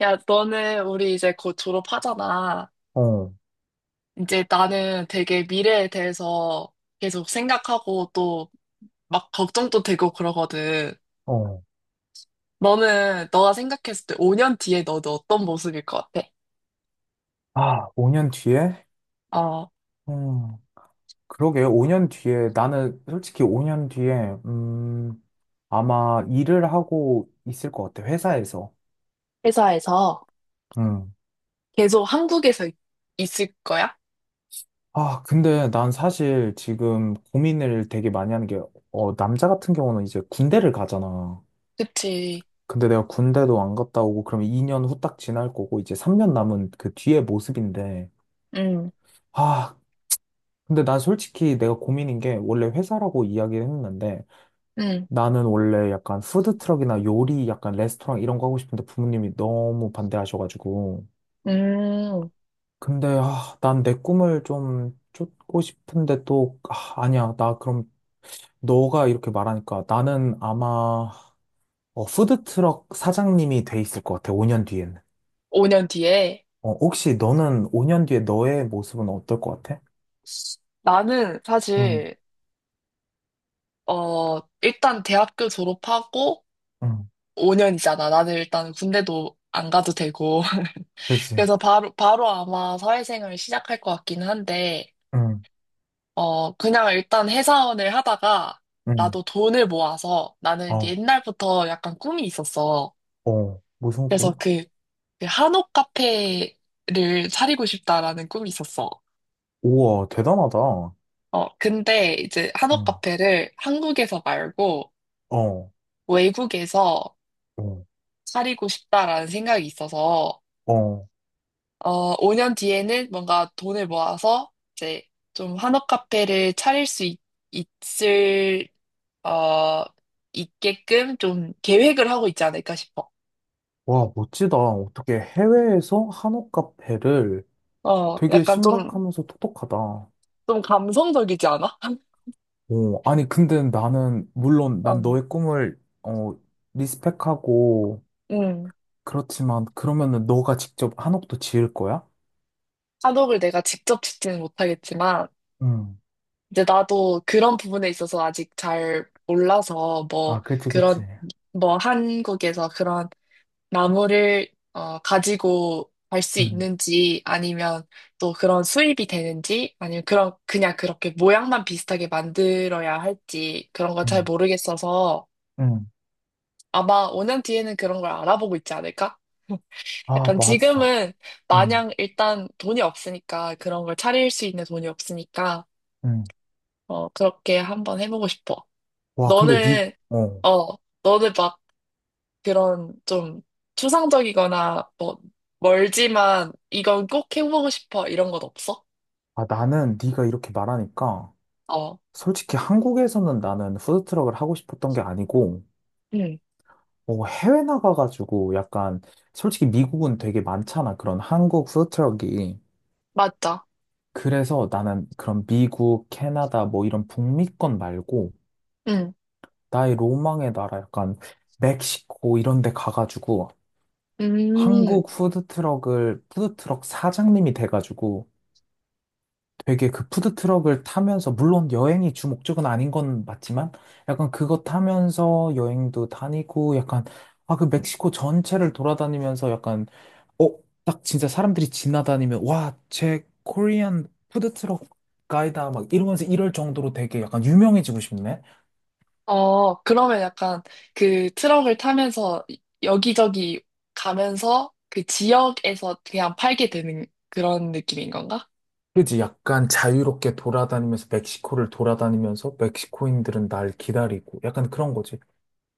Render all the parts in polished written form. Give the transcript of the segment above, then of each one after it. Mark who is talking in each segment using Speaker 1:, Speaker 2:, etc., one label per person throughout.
Speaker 1: 야, 너는 우리 이제 곧 졸업하잖아.
Speaker 2: 어,
Speaker 1: 이제 나는 되게 미래에 대해서 계속 생각하고 또 막 걱정도 되고 그러거든.
Speaker 2: 어.
Speaker 1: 너는 너가 생각했을 때 5년 뒤에 너는 어떤 모습일 것 같아?
Speaker 2: 아, 5년 뒤에?
Speaker 1: 어,
Speaker 2: 음, 그러게, 5년 뒤에. 나는 솔직히 5년 뒤에, 아마 일을 하고 있을 것 같아, 회사에서.
Speaker 1: 회사에서
Speaker 2: 음.
Speaker 1: 계속 한국에서 있을 거야?
Speaker 2: 아, 근데 난 사실 지금 고민을 되게 많이 하는 게, 어, 남자 같은 경우는 이제 군대를 가잖아.
Speaker 1: 그치.
Speaker 2: 근데 내가 군대도 안 갔다 오고, 그러면 2년 후딱 지날 거고, 이제 3년 남은 그 뒤의 모습인데,
Speaker 1: 응,
Speaker 2: 아, 근데 난 솔직히 내가 고민인 게, 원래 회사라고 이야기를 했는데,
Speaker 1: 응,
Speaker 2: 나는 원래 약간 푸드트럭이나 요리, 약간 레스토랑 이런 거 하고 싶은데 부모님이 너무 반대하셔가지고.
Speaker 1: 음,
Speaker 2: 근데, 아, 난 내 꿈을 좀 쫓고 싶은데 또, 아, 아니야. 나 그럼 너가 이렇게 말하니까 나는 아마 어, 푸드트럭 사장님이 돼 있을 것 같아. 5년 뒤에는.
Speaker 1: 5년 뒤에.
Speaker 2: 어, 혹시 너는 5년 뒤에 너의 모습은 어떨 것 같아?
Speaker 1: 나는
Speaker 2: 응,
Speaker 1: 사실, 일단 대학교 졸업하고
Speaker 2: 응,
Speaker 1: 5년이잖아. 나는 일단 군대도 안 가도 되고.
Speaker 2: 그치.
Speaker 1: 그래서 바로 아마 사회생활 시작할 것 같기는 한데,
Speaker 2: 응,
Speaker 1: 그냥 일단 회사원을 하다가
Speaker 2: 응,
Speaker 1: 나도 돈을 모아서 나는 이제
Speaker 2: 어,
Speaker 1: 옛날부터 약간 꿈이 있었어.
Speaker 2: 어, 무슨
Speaker 1: 그래서
Speaker 2: 꿈?
Speaker 1: 그 한옥 카페를 차리고 싶다라는 꿈이 있었어.
Speaker 2: 우와, 대단하다.
Speaker 1: 근데 이제 한옥
Speaker 2: 응,
Speaker 1: 카페를 한국에서 말고
Speaker 2: 어,
Speaker 1: 외국에서
Speaker 2: 어.
Speaker 1: 차리고 싶다라는 생각이 있어서
Speaker 2: 어.
Speaker 1: 5년 뒤에는 뭔가 돈을 모아서 이제 좀 한옥 카페를 차릴 수 을 어, 있게끔 좀 계획을 하고 있지 않을까 싶어.
Speaker 2: 와, 멋지다. 어떻게 해외에서 한옥 카페를 되게
Speaker 1: 약간 좀,
Speaker 2: 신박하면서 똑똑하다.
Speaker 1: 좀 감성적이지 않아?
Speaker 2: 어, 아니, 근데 나는, 물론
Speaker 1: 어,
Speaker 2: 난 너의 꿈을, 어, 리스펙하고,
Speaker 1: 음.
Speaker 2: 그렇지만, 그러면은 너가 직접 한옥도 지을 거야?
Speaker 1: 한옥을 내가 직접 짓지는 못하겠지만,
Speaker 2: 응.
Speaker 1: 이제 나도 그런 부분에 있어서 아직 잘 몰라서, 뭐,
Speaker 2: 아, 그치, 그치.
Speaker 1: 그런, 뭐, 한국에서 그런 나무를 가지고 갈 수
Speaker 2: 응,
Speaker 1: 있는지 아니면 또 그런 수입이 되는지 아니면 그런 그냥 그렇게 모양만 비슷하게 만들어야 할지 그런 건 잘
Speaker 2: 응,
Speaker 1: 모르겠어서
Speaker 2: 응.
Speaker 1: 아마 5년 뒤에는 그런 걸 알아보고 있지 않을까?
Speaker 2: 아,
Speaker 1: 약간
Speaker 2: 맞아.
Speaker 1: 지금은
Speaker 2: 응,
Speaker 1: 마냥 일단 돈이 없으니까 그런 걸 차릴 수 있는 돈이 없으니까
Speaker 2: 응.
Speaker 1: 그렇게 한번 해보고 싶어.
Speaker 2: 와, 근데 니,
Speaker 1: 너는
Speaker 2: 어.
Speaker 1: 어 너는 그런 좀 추상적이거나 뭐 멀지만 이건 꼭 해보고 싶어 이런 건 없어?
Speaker 2: 아, 나는 네가 이렇게 말하니까,
Speaker 1: 어,
Speaker 2: 솔직히 한국에서는 나는 푸드트럭을 하고 싶었던 게 아니고,
Speaker 1: 응,
Speaker 2: 어, 해외 나가가지고 약간 솔직히 미국은 되게 많잖아. 그런 한국 푸드트럭이.
Speaker 1: 맞죠.
Speaker 2: 그래서 나는 그런 미국, 캐나다 뭐 이런 북미권 말고
Speaker 1: 응,
Speaker 2: 나의 로망의 나라 약간 멕시코 이런 데 가가지고
Speaker 1: 음,
Speaker 2: 한국 푸드트럭을 푸드트럭 사장님이 돼가지고 되게 그 푸드트럭을 타면서, 물론 여행이 주 목적은 아닌 건 맞지만, 약간 그거 타면서 여행도 다니고, 약간, 아, 그 멕시코 전체를 돌아다니면서 약간, 어, 딱 진짜 사람들이 지나다니면, 와, 제 코리안 푸드트럭 가이다, 막 이러면서 이럴 정도로 되게 약간 유명해지고 싶네?
Speaker 1: 그러면 약간 그 트럭을 타면서 여기저기 가면서 그 지역에서 그냥 팔게 되는 그런 느낌인 건가?
Speaker 2: 그지? 약간 자유롭게 돌아다니면서, 멕시코를 돌아다니면서, 멕시코인들은 날 기다리고, 약간 그런 거지.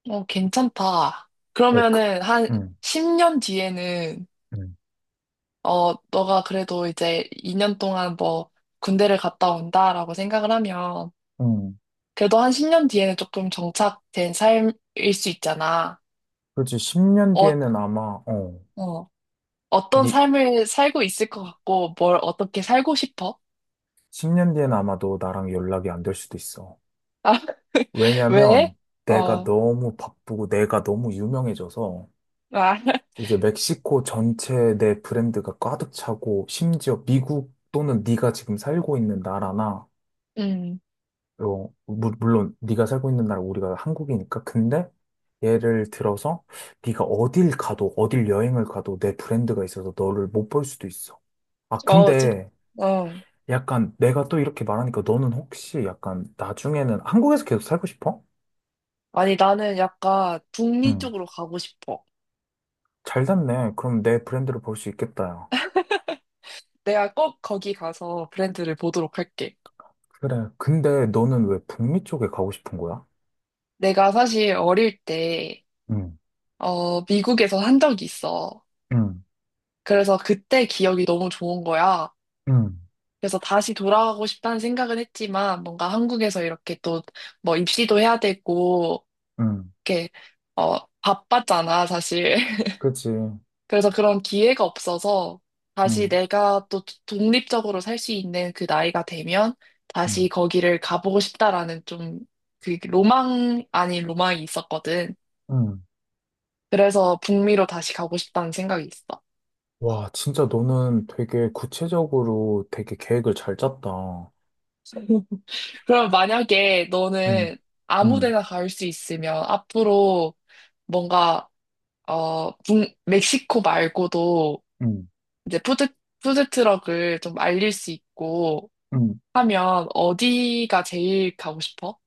Speaker 1: 괜찮다.
Speaker 2: 어, 그,
Speaker 1: 그러면은 한
Speaker 2: 음,
Speaker 1: 10년 뒤에는
Speaker 2: 음.
Speaker 1: 너가 그래도 이제 2년 동안 뭐 군대를 갔다 온다라고 생각을 하면
Speaker 2: 음.
Speaker 1: 그래도 한 10년 뒤에는 조금 정착된 삶일 수 있잖아.
Speaker 2: 그렇지. 10년
Speaker 1: 어,
Speaker 2: 뒤에는 아마, 어,
Speaker 1: 어, 어떤
Speaker 2: 니,
Speaker 1: 삶을 살고 있을 것 같고, 뭘 어떻게 살고 싶어?
Speaker 2: 10년 뒤에는 아마도 나랑 연락이 안 될 수도 있어.
Speaker 1: 아, 왜?
Speaker 2: 왜냐면 내가
Speaker 1: 어,
Speaker 2: 너무 바쁘고 내가 너무 유명해져서
Speaker 1: 아,
Speaker 2: 이제 멕시코 전체에 내 브랜드가 가득 차고 심지어 미국 또는 네가 지금 살고 있는 나라나,
Speaker 1: 음,
Speaker 2: 어, 물론 네가 살고 있는 나라 우리가 한국이니까. 근데 예를 들어서 네가 어딜 가도 어딜 여행을 가도 내 브랜드가 있어서 너를 못 볼 수도 있어. 아,
Speaker 1: 어, 좀,
Speaker 2: 근데
Speaker 1: 어.
Speaker 2: 약간 내가 또 이렇게 말하니까 너는 혹시 약간 나중에는 한국에서 계속 살고 싶어?
Speaker 1: 아니, 나는 약간 북미
Speaker 2: 응.
Speaker 1: 쪽으로 가고 싶어.
Speaker 2: 잘 됐네. 그럼 내 브랜드를 볼 수 있겠다. 야.
Speaker 1: 내가 꼭 거기 가서 브랜드를 보도록 할게.
Speaker 2: 그래. 근데 너는 왜 북미 쪽에 가고 싶은 거야?
Speaker 1: 내가 사실 어릴 때,
Speaker 2: 응,
Speaker 1: 미국에서 한 적이 있어.
Speaker 2: 응,
Speaker 1: 그래서 그때 기억이 너무 좋은 거야.
Speaker 2: 응,
Speaker 1: 그래서 다시 돌아가고 싶다는 생각은 했지만 뭔가 한국에서 이렇게 또 뭐 입시도 해야 되고
Speaker 2: 응.
Speaker 1: 이렇게 바빴잖아 사실.
Speaker 2: 그치.
Speaker 1: 그래서 그런 기회가 없어서 다시
Speaker 2: 응,
Speaker 1: 내가 또 독립적으로 살 수 있는 그 나이가 되면 다시
Speaker 2: 응,
Speaker 1: 거기를 가보고 싶다라는 좀 그 로망 아닌 로망이 있었거든.
Speaker 2: 응.
Speaker 1: 그래서 북미로 다시 가고 싶다는 생각이 있어.
Speaker 2: 와, 진짜 너는 되게 구체적으로 되게 계획을 잘 짰다.
Speaker 1: 그럼 만약에
Speaker 2: 응,
Speaker 1: 너는 아무
Speaker 2: 응,
Speaker 1: 데나 갈 수 있으면 앞으로 뭔가 멕시코 말고도
Speaker 2: 응,
Speaker 1: 이제 푸드트럭을 좀 알릴 수 있고
Speaker 2: 응.
Speaker 1: 하면 어디가 제일 가고 싶어?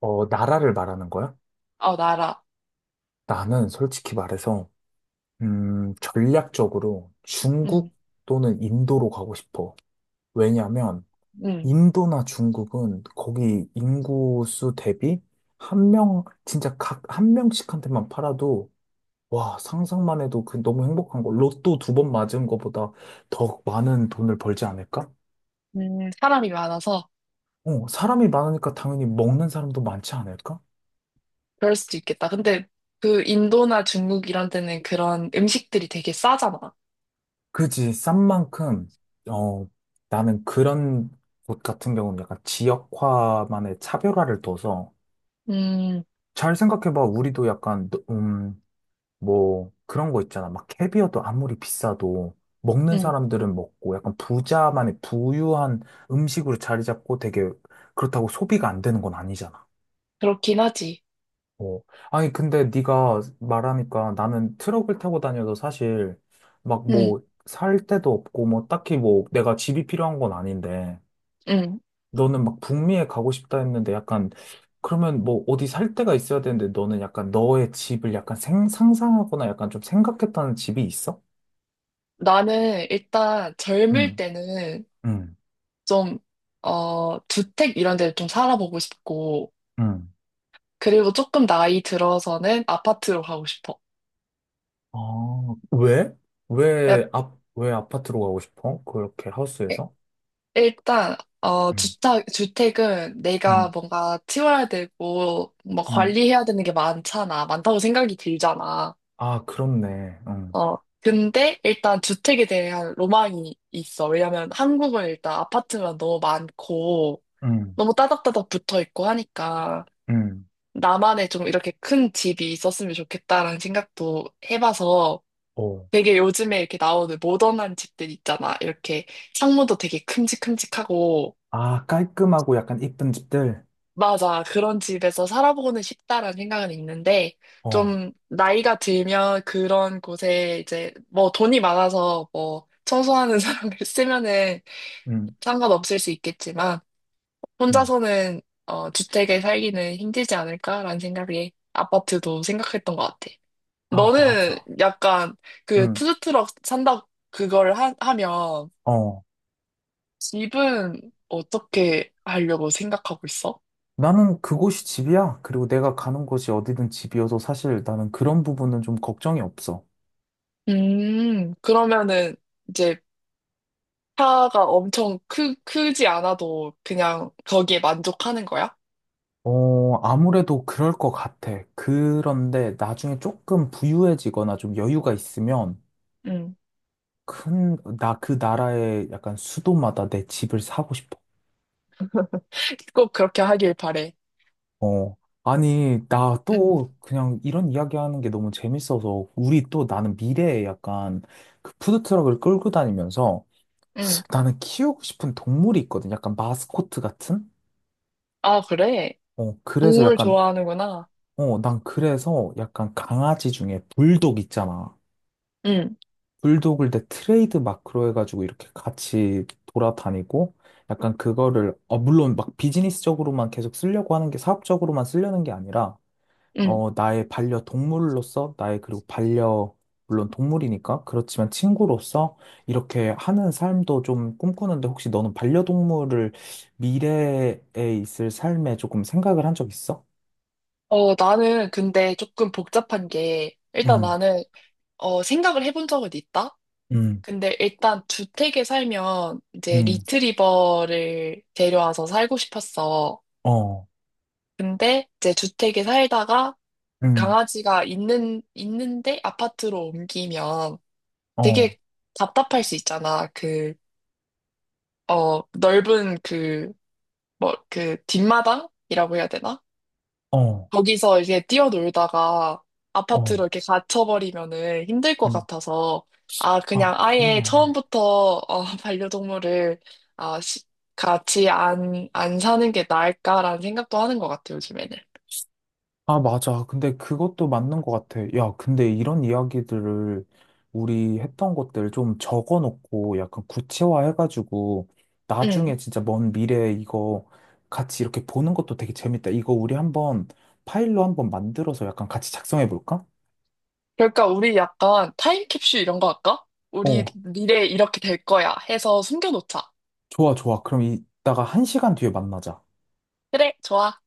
Speaker 2: 어, 나라를 말하는 거야?
Speaker 1: 어, 나라.
Speaker 2: 나는 솔직히 말해서 전략적으로
Speaker 1: 응,
Speaker 2: 중국 또는 인도로 가고 싶어. 왜냐면
Speaker 1: 응,
Speaker 2: 인도나 중국은 거기 인구수 대비 한 명, 진짜 각 한 명씩한테만 팔아도 와, 상상만 해도 그 너무 행복한 거. 로또 두 번 맞은 거보다 더 많은 돈을 벌지 않을까?
Speaker 1: 사람이 많아서
Speaker 2: 어, 사람이 많으니까 당연히 먹는 사람도 많지 않을까?
Speaker 1: 그럴 수도 있겠다. 근데 그 인도나 중국 이런 데는 그런 음식들이 되게 싸잖아.
Speaker 2: 그지, 싼 만큼, 어, 나는 그런 곳 같은 경우는 약간 지역화만의 차별화를 둬서
Speaker 1: 음,
Speaker 2: 잘 생각해봐. 우리도 약간, 뭐, 그런 거 있잖아. 막 캐비어도 아무리 비싸도 먹는
Speaker 1: 음,
Speaker 2: 사람들은 먹고 약간 부자만의 부유한 음식으로 자리 잡고 되게 그렇다고 소비가 안 되는 건 아니잖아.
Speaker 1: 그렇긴 하지.
Speaker 2: 어. 아니, 근데 네가 말하니까 나는 트럭을 타고 다녀도 사실 막
Speaker 1: 음,
Speaker 2: 뭐 살 데도 없고 뭐 딱히 뭐 내가 집이 필요한 건 아닌데
Speaker 1: 음.
Speaker 2: 너는 막 북미에 가고 싶다 했는데 약간 그러면 뭐 어디 살 데가 있어야 되는데 너는 약간 너의 집을 약간 상상하거나 약간 좀 생각했다는 집이 있어?
Speaker 1: 나는 일단 젊을
Speaker 2: 응,
Speaker 1: 때는
Speaker 2: 응,
Speaker 1: 좀, 주택 이런 데를 좀 살아보고 싶고,
Speaker 2: 응.
Speaker 1: 그리고 조금 나이 들어서는 아파트로 가고 싶어.
Speaker 2: 아, 왜? 왜
Speaker 1: 약-
Speaker 2: 아, 왜 아파트로 가고 싶어? 그렇게 하우스에서?
Speaker 1: 일단,
Speaker 2: 응,
Speaker 1: 주택은 내가
Speaker 2: 응,
Speaker 1: 뭔가 치워야 되고, 뭐
Speaker 2: 응.
Speaker 1: 관리해야 되는 게 많잖아. 많다고 생각이 들잖아.
Speaker 2: 아, 그렇네. 응,
Speaker 1: 근데 일단 주택에 대한 로망이 있어. 왜냐면 한국은 일단 아파트만 너무 많고,
Speaker 2: 응,
Speaker 1: 너무 따닥따닥 붙어 있고 하니까,
Speaker 2: 응.
Speaker 1: 나만의 좀 이렇게 큰 집이 있었으면 좋겠다라는 생각도 해봐서,
Speaker 2: 어.
Speaker 1: 되게 요즘에 이렇게 나오는 모던한 집들 있잖아. 이렇게 창문도 되게 큼직큼직하고.
Speaker 2: 아, 깔끔하고 약간 이쁜 집들.
Speaker 1: 맞아. 그런 집에서 살아보고는 싶다라는 생각은 있는데,
Speaker 2: 어,
Speaker 1: 좀 나이가 들면 그런 곳에 이제 뭐 돈이 많아서 뭐 청소하는 사람을 쓰면은
Speaker 2: 응,
Speaker 1: 상관없을 수 있겠지만,
Speaker 2: 응.
Speaker 1: 혼자서는 주택에 살기는 힘들지 않을까라는 생각에 아파트도 생각했던 것 같아.
Speaker 2: 아,
Speaker 1: 너는
Speaker 2: 맞아.
Speaker 1: 약간 그
Speaker 2: 응.
Speaker 1: 푸드트럭 산다 그걸 하면
Speaker 2: 어.
Speaker 1: 집은 어떻게 하려고 생각하고 있어?
Speaker 2: 나는 그곳이 집이야. 그리고 내가 가는 곳이 어디든 집이어서 사실 나는 그런 부분은 좀 걱정이 없어.
Speaker 1: 그러면은 이제 차가 엄청 크지 않아도 그냥 거기에 만족하는 거야?
Speaker 2: 어, 아무래도 그럴 것 같아. 그런데 나중에 조금 부유해지거나 좀 여유가 있으면
Speaker 1: 음,
Speaker 2: 큰, 나 그 나라의 약간 수도마다 내 집을 사고 싶어.
Speaker 1: 꼭 그렇게 하길 바래.
Speaker 2: 어, 아니, 나
Speaker 1: 음,
Speaker 2: 또 그냥 이런 이야기 하는 게 너무 재밌어서 우리 또 나는 미래에 약간 그 푸드트럭을 끌고 다니면서
Speaker 1: 음.
Speaker 2: 나는 키우고 싶은 동물이 있거든. 약간 마스코트 같은?
Speaker 1: 아, 그래?
Speaker 2: 어, 그래서
Speaker 1: 동물
Speaker 2: 약간,
Speaker 1: 좋아하는구나.
Speaker 2: 어, 난 그래서 약간 강아지 중에 불독 있잖아.
Speaker 1: 음,
Speaker 2: 불독을 내 트레이드 마크로 해가지고 이렇게 같이 돌아다니고, 약간 그거를, 어, 물론 막 비즈니스적으로만 계속 쓰려고 하는 게 사업적으로만 쓰려는 게 아니라,
Speaker 1: 음.
Speaker 2: 어, 나의 반려동물로서, 나의 그리고 반려, 물론 동물이니까, 그렇지만 친구로서 이렇게 하는 삶도 좀 꿈꾸는데, 혹시 너는 반려동물을 미래에 있을 삶에 조금 생각을 한 적 있어?
Speaker 1: 나는 근데 조금 복잡한 게, 일단
Speaker 2: 응,
Speaker 1: 나는, 생각을 해본 적은 있다?
Speaker 2: 응.
Speaker 1: 근데 일단 주택에 살면 이제
Speaker 2: 음,
Speaker 1: 리트리버를 데려와서 살고 싶었어.
Speaker 2: 어,
Speaker 1: 근데 이제 주택에 살다가
Speaker 2: 음,
Speaker 1: 강아지가 있는데 아파트로 옮기면
Speaker 2: 어,
Speaker 1: 되게 답답할 수 있잖아. 넓은 뭐, 그 뒷마당이라고 해야 되나?
Speaker 2: 어,
Speaker 1: 거기서 이제 뛰어놀다가 아파트로
Speaker 2: 어,
Speaker 1: 이렇게 갇혀버리면은 힘들 것
Speaker 2: 음.
Speaker 1: 같아서, 아, 그냥
Speaker 2: 아,
Speaker 1: 아예
Speaker 2: 그렇네.
Speaker 1: 처음부터, 반려동물을, 아, 같이 안 사는 게 나을까라는 생각도 하는 것 같아, 요즘에는.
Speaker 2: 아, 맞아. 근데 그것도 맞는 것 같아. 야, 근데 이런 이야기들을 우리 했던 것들 좀 적어 놓고 약간 구체화해가지고
Speaker 1: 응.
Speaker 2: 나중에 진짜 먼 미래에 이거 같이 이렇게 보는 것도 되게 재밌다. 이거 우리 한번 파일로 한번 만들어서 약간 같이 작성해 볼까?
Speaker 1: 그러니까 우리 약간 타임캡슐 이런 거 할까? 우리
Speaker 2: 어,
Speaker 1: 미래에 이렇게 될 거야 해서 숨겨놓자.
Speaker 2: 좋아, 좋아. 그럼 이따가 한 시간 뒤에 만나자.
Speaker 1: 그래, 좋아.